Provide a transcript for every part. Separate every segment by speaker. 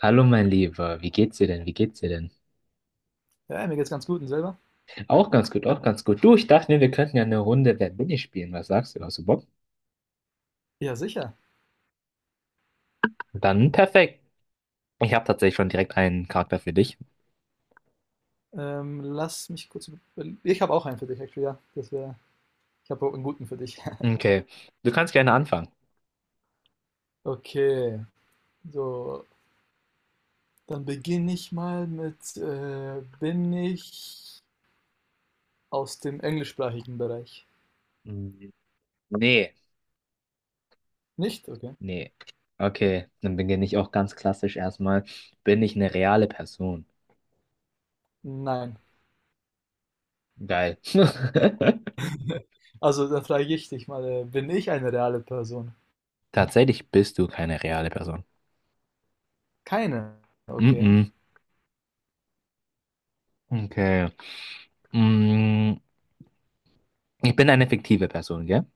Speaker 1: Hallo mein Lieber, wie geht's dir denn? Wie geht's dir denn?
Speaker 2: Ja, mir geht's ganz gut und selber?
Speaker 1: Auch ganz gut, auch ganz gut. Du, ich dachte mir, wir könnten ja eine Runde Wer bin ich spielen. Was sagst du? Hast du Bock?
Speaker 2: Ja, sicher.
Speaker 1: Dann perfekt. Ich habe tatsächlich schon direkt einen Charakter für dich.
Speaker 2: Lass mich kurz überlegen. Ich habe auch einen für dich, actually, ja. Ich habe auch einen guten für dich.
Speaker 1: Okay, du kannst gerne anfangen.
Speaker 2: Okay, so, dann beginne ich mal mit, bin ich aus dem englischsprachigen Bereich?
Speaker 1: Mm, Nee,
Speaker 2: Nicht? Okay.
Speaker 1: nee. Okay, dann beginne ich auch ganz klassisch erstmal. Bin ich eine reale Person?
Speaker 2: Nein.
Speaker 1: Geil.
Speaker 2: Also, dann frage ich dich mal, bin ich eine reale Person?
Speaker 1: Tatsächlich bist du keine reale Person.
Speaker 2: Keine. Okay.
Speaker 1: Mm-mm. Okay. Mm, ich bin eine fiktive Person, gell?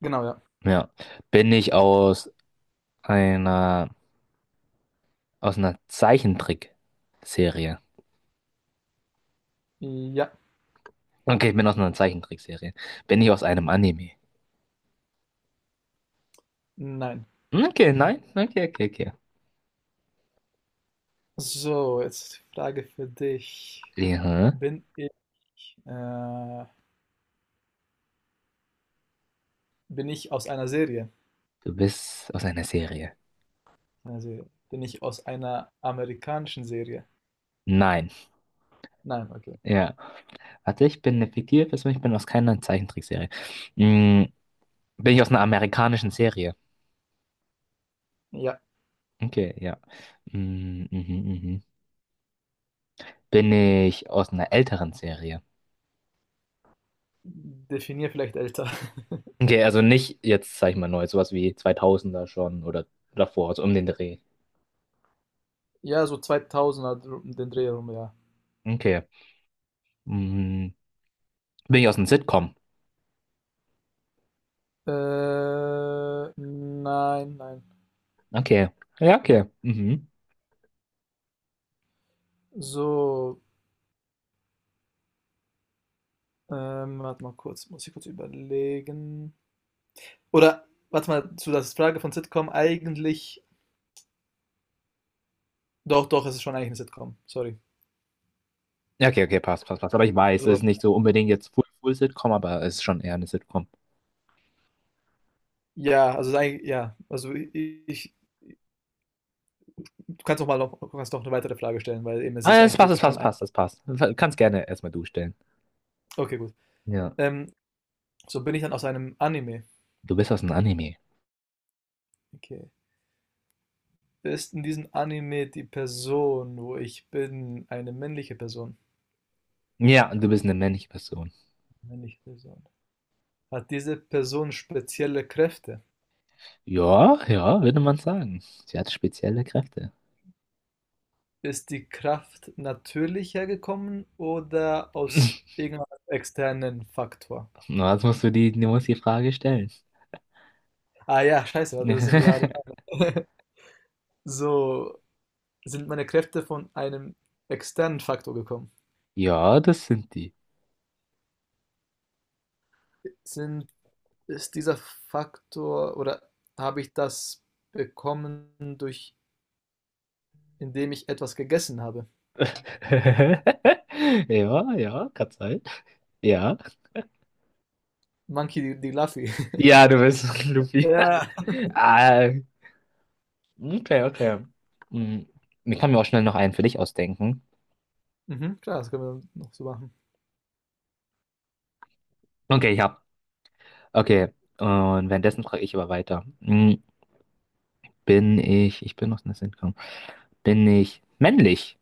Speaker 2: Genau, ja.
Speaker 1: Ja. Bin ich aus einer, aus einer Zeichentrickserie.
Speaker 2: Ja.
Speaker 1: Okay, ich bin aus einer Zeichentrickserie. Bin ich aus einem Anime?
Speaker 2: Nein.
Speaker 1: Okay, nein. Okay, okay, okay.
Speaker 2: So, jetzt Frage für dich.
Speaker 1: Ja,
Speaker 2: Bin ich, äh, Bin ich aus einer Serie?
Speaker 1: du bist aus einer Serie.
Speaker 2: Einer Bin ich aus einer amerikanischen Serie?
Speaker 1: Nein.
Speaker 2: Nein, okay.
Speaker 1: Ja. Warte, ich bin eine fiktive Person, ich bin aus keiner Zeichentrickserie. Mm, bin ich aus einer amerikanischen Serie?
Speaker 2: Ja,
Speaker 1: Okay, ja. Mm, mhm, mhm. Bin ich aus einer älteren Serie?
Speaker 2: definier vielleicht älter.
Speaker 1: Okay, also nicht jetzt, sag ich mal, neu, sowas wie 2000er schon oder davor, also um den Dreh.
Speaker 2: Ja, so 2000er, um den Dreh rum, ja.
Speaker 1: Okay. Mhm. Bin ich aus einem Sitcom?
Speaker 2: Nein, nein.
Speaker 1: Okay. Ja, okay. Mhm.
Speaker 2: So, warte mal kurz, muss ich kurz überlegen. Oder, warte mal, zu der Frage von Sitcom, eigentlich, doch, doch, es ist schon eigentlich eine Sitcom, sorry.
Speaker 1: Ja, okay, okay, passt, passt, passt. Aber ich weiß, es ist
Speaker 2: Also,
Speaker 1: nicht so unbedingt jetzt Full, Full Sitcom, aber es ist schon eher eine Sitcom.
Speaker 2: ja, also, es ist ja, also, ich du kannst noch eine weitere Frage stellen, weil eben es ist
Speaker 1: Ah,
Speaker 2: eigentlich
Speaker 1: es
Speaker 2: theoretisch schon
Speaker 1: passt,
Speaker 2: ein,
Speaker 1: passt, es passt. Du kannst gerne erstmal du stellen.
Speaker 2: okay, gut.
Speaker 1: Ja.
Speaker 2: Ähm, so bin ich dann aus einem Anime.
Speaker 1: Du bist aus einem Anime.
Speaker 2: Okay. Ist in diesem Anime die Person, wo ich bin, eine männliche Person?
Speaker 1: Ja, und du bist eine männliche Person.
Speaker 2: Männliche Person. Hat diese Person spezielle Kräfte?
Speaker 1: Ja, ja, würde man sagen. Sie hat spezielle Kräfte.
Speaker 2: Ist die Kraft natürlich hergekommen oder aus irgendeinem externen Faktor?
Speaker 1: Na, jetzt musst du musst die Frage stellen.
Speaker 2: Ah ja, scheiße, warte, das sind ja. So, sind meine Kräfte von einem externen Faktor gekommen?
Speaker 1: Ja, das sind die.
Speaker 2: Sind, Ist dieser Faktor oder habe ich das bekommen durch indem ich etwas gegessen habe.
Speaker 1: Ja, ja, kann sein. Ja.
Speaker 2: Monkey D. Luffy.
Speaker 1: Ja, du bist Luffy.
Speaker 2: Ja.
Speaker 1: Ah, okay, okay. Hm, ich kann mir auch schnell noch einen für dich ausdenken.
Speaker 2: Mhm, klar, das können wir noch so machen.
Speaker 1: Okay, ich hab. Okay, und währenddessen frage ich aber weiter. Ich bin aus einer Sitcom. Bin ich männlich?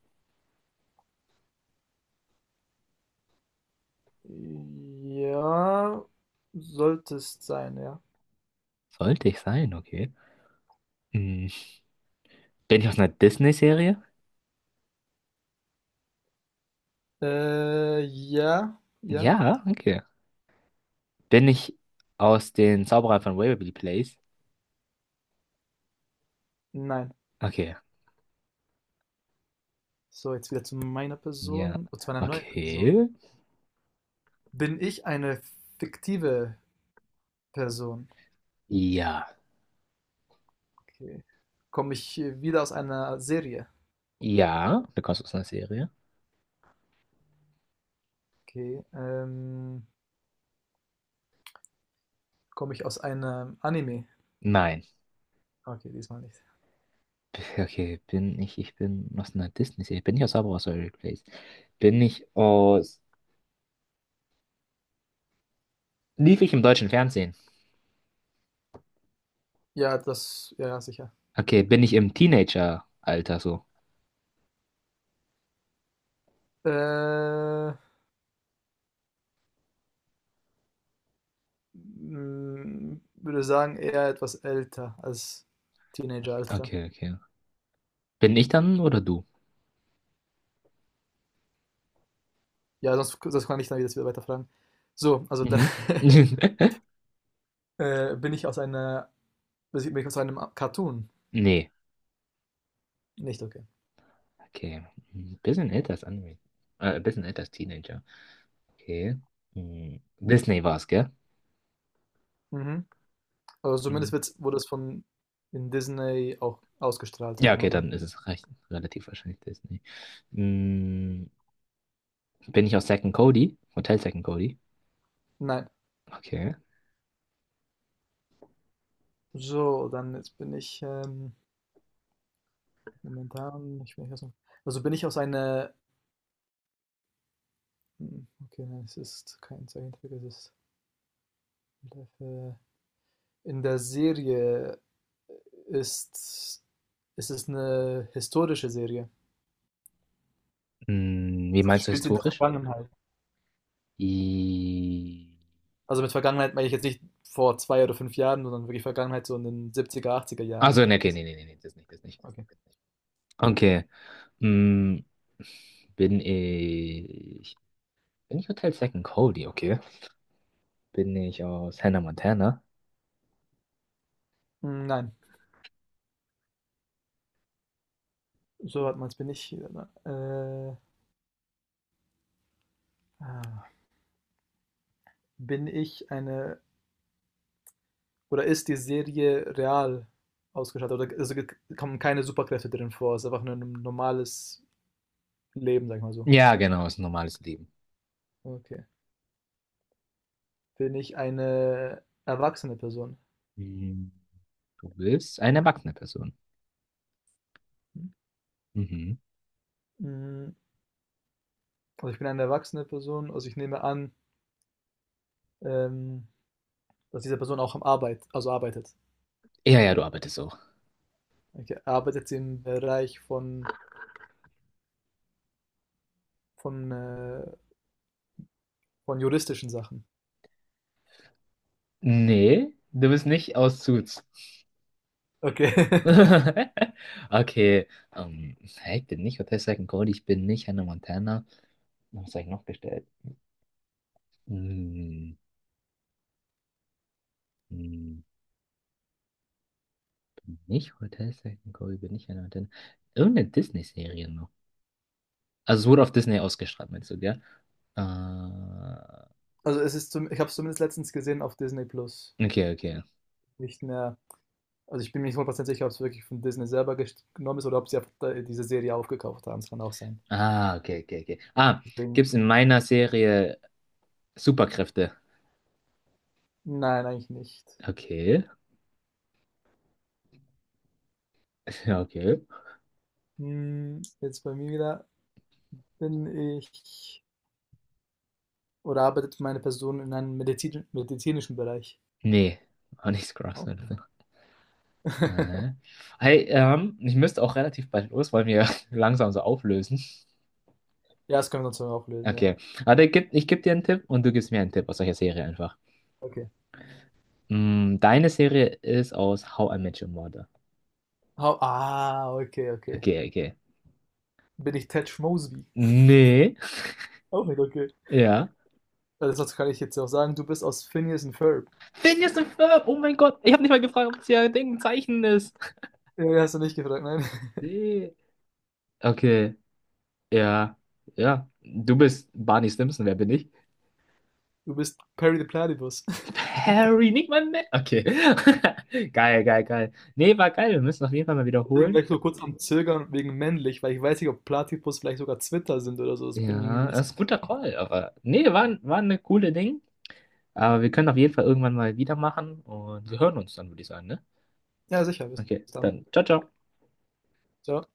Speaker 2: Ja, sollte es sein, ja.
Speaker 1: Sollte ich sein, okay. Hm, Bin ich aus einer Disney-Serie?
Speaker 2: Ja, ja,
Speaker 1: Ja, okay. Bin ich aus den Zauberern von Waverly Place?
Speaker 2: nein.
Speaker 1: Okay,
Speaker 2: So, jetzt wieder zu meiner
Speaker 1: ja.
Speaker 2: Person, oder zu meiner neuen Person.
Speaker 1: Okay.
Speaker 2: Bin ich eine fiktive Person?
Speaker 1: Ja.
Speaker 2: Okay. Komme ich wieder aus einer Serie?
Speaker 1: Ja. Du kommst aus einer Serie?
Speaker 2: Okay. Komme ich aus einem Anime?
Speaker 1: Nein.
Speaker 2: Okay, diesmal nicht.
Speaker 1: Okay, ich bin aus einer Disney-Serie. Bin ich aus Zauberer aus Waverly Place? Bin ich aus. Lief ich im deutschen Fernsehen?
Speaker 2: Ja, das, ja, ja, sicher.
Speaker 1: Okay, bin ich im Teenager-Alter so?
Speaker 2: Äh, Würde sagen, eher etwas älter als Teenageralter.
Speaker 1: Okay, okay. Bin ich dann oder du?
Speaker 2: Ja, sonst kann ich dann wieder weiterfragen. So, also dann
Speaker 1: Mhm.
Speaker 2: äh, bin ich aus einer, bin ich aus einem Cartoon.
Speaker 1: Nee.
Speaker 2: Nicht? Okay.
Speaker 1: Okay. Ein bisschen älter als Anime. Ein bisschen älter als Teenager. Okay. Hm. Disney war es, gell?
Speaker 2: Mhm. Also zumindest
Speaker 1: Mhm.
Speaker 2: wurde es von in Disney auch ausgestrahlt, sag
Speaker 1: Ja,
Speaker 2: ich mal
Speaker 1: okay,
Speaker 2: so.
Speaker 1: dann ist es relativ wahrscheinlich Disney. Hm. Bin ich aus Zack and Cody? Hotel Zack and Cody?
Speaker 2: Nein.
Speaker 1: Okay.
Speaker 2: So, dann jetzt bin ich momentan, ich bin ich also bin ich aus einer, hm, okay, nein, es ist kein Zeichentrick, es ist Live. In der Serie äh, ist ist es eine historische Serie.
Speaker 1: Hm, wie
Speaker 2: Also,
Speaker 1: meinst du
Speaker 2: spielt sie in der
Speaker 1: historisch?
Speaker 2: Vergangenheit.
Speaker 1: I...
Speaker 2: Also, mit Vergangenheit meine ich jetzt nicht vor 2 oder 5 Jahren, sondern wirklich Vergangenheit so in den 70er, 80er Jahren, so
Speaker 1: Also,
Speaker 2: meine
Speaker 1: nee,
Speaker 2: ich
Speaker 1: okay,
Speaker 2: das.
Speaker 1: nee, nee, nee, nee, das nicht, das nicht.
Speaker 2: Okay.
Speaker 1: Okay. Hm, bin ich. Bin ich Hotel Second Cody, okay? Bin ich aus Hannah Montana?
Speaker 2: Hm, nein, so hat man es. Ah, bin ich eine oder ist die Serie real ausgestattet oder also, g kommen keine Superkräfte drin vor. Es ist einfach nur 'n normales Leben, sag ich mal so.
Speaker 1: Ja, genau, ist ein normales Leben.
Speaker 2: Okay. Bin ich eine erwachsene Person?
Speaker 1: Hm, du bist eine erwachsene Person. Mhm.
Speaker 2: Hm, also, ich bin eine erwachsene Person, also, ich nehme an, ähm, dass diese Person auch arbeitet.
Speaker 1: Ja, ja, du arbeitest auch.
Speaker 2: Okay, arbeitet sie im Bereich von, äh von juristischen Sachen?
Speaker 1: Nee, du bist nicht aus Suits.
Speaker 2: Okay.
Speaker 1: Okay, hey, ich bin nicht Hotel Second Cody, ich bin nicht Hannah Montana. Was habe ich noch gestellt? Hm, hm, bin nicht Hotel Second Kobe, bin ich ein Hotel. Irgendeine Disney-Serie noch. Also es wurde auf Disney ausgestrahlt, meinst du, gell? Äh,
Speaker 2: Also, es ist zum ich habe es zumindest letztens gesehen auf Disney Plus.
Speaker 1: okay, okay.
Speaker 2: Nicht mehr, also, ich bin mir nicht 100 sicher, ob es wirklich von Disney selber gest genommen ist oder ob sie einfach da diese Serie aufgekauft haben. Das kann auch sein.
Speaker 1: Ah, okay, okay, okay. Ah,
Speaker 2: Deswegen
Speaker 1: gibt's in meiner Serie Superkräfte?
Speaker 2: nein, eigentlich nicht.
Speaker 1: Okay. Ja, okay.
Speaker 2: Jetzt bei mir wieder, bin ich oder arbeitet meine Person in einem medizinischen Bereich?
Speaker 1: Nee, auch nicht Scrubs
Speaker 2: Auch
Speaker 1: oder
Speaker 2: cool.
Speaker 1: so. Hä? Hey, ich müsste auch relativ bald los, weil wir langsam so auflösen.
Speaker 2: Ja, das können wir uns dann auch lösen, ja.
Speaker 1: Okay. Aber ich geb dir einen Tipp und du gibst mir einen Tipp aus solcher Serie einfach.
Speaker 2: Okay.
Speaker 1: Mm, deine Serie ist aus How I Met Your Mother.
Speaker 2: Hau Ah, okay, okay.
Speaker 1: Okay, okay.
Speaker 2: Bin ich Ted Mosby?
Speaker 1: Nee.
Speaker 2: Auch nicht, okay.
Speaker 1: Ja.
Speaker 2: Also sonst kann ich jetzt ja auch sagen, du bist aus Phineas und Ferb.
Speaker 1: Phineas und Ferb, oh mein Gott. Ich habe nicht mal gefragt, ob es ja ein Zeichen ist.
Speaker 2: Ja, ja, hast du nicht gefragt, nein.
Speaker 1: Nee. Okay. Ja. Ja. Du bist Barney Stinson, wer bin ich?
Speaker 2: Du bist Perry the Platypus.
Speaker 1: Harry, nicht mein Mann. Okay. Geil, geil, geil. Nee, war geil. Wir müssen auf jeden Fall mal
Speaker 2: Deswegen war
Speaker 1: wiederholen.
Speaker 2: ich so kurz am Zögern wegen männlich, weil ich weiß nicht, ob Platypus vielleicht sogar Zwitter sind oder so. Das bin ich nämlich
Speaker 1: Ja,
Speaker 2: nicht.
Speaker 1: das ist ein guter Call, aber nee, war eine coole Ding. Aber wir können auf jeden Fall irgendwann mal wieder machen und wir hören uns dann, würde ich sagen, ne?
Speaker 2: Ja, sicher, bis
Speaker 1: Okay,
Speaker 2: dann.
Speaker 1: dann ciao, ciao.
Speaker 2: Ciao.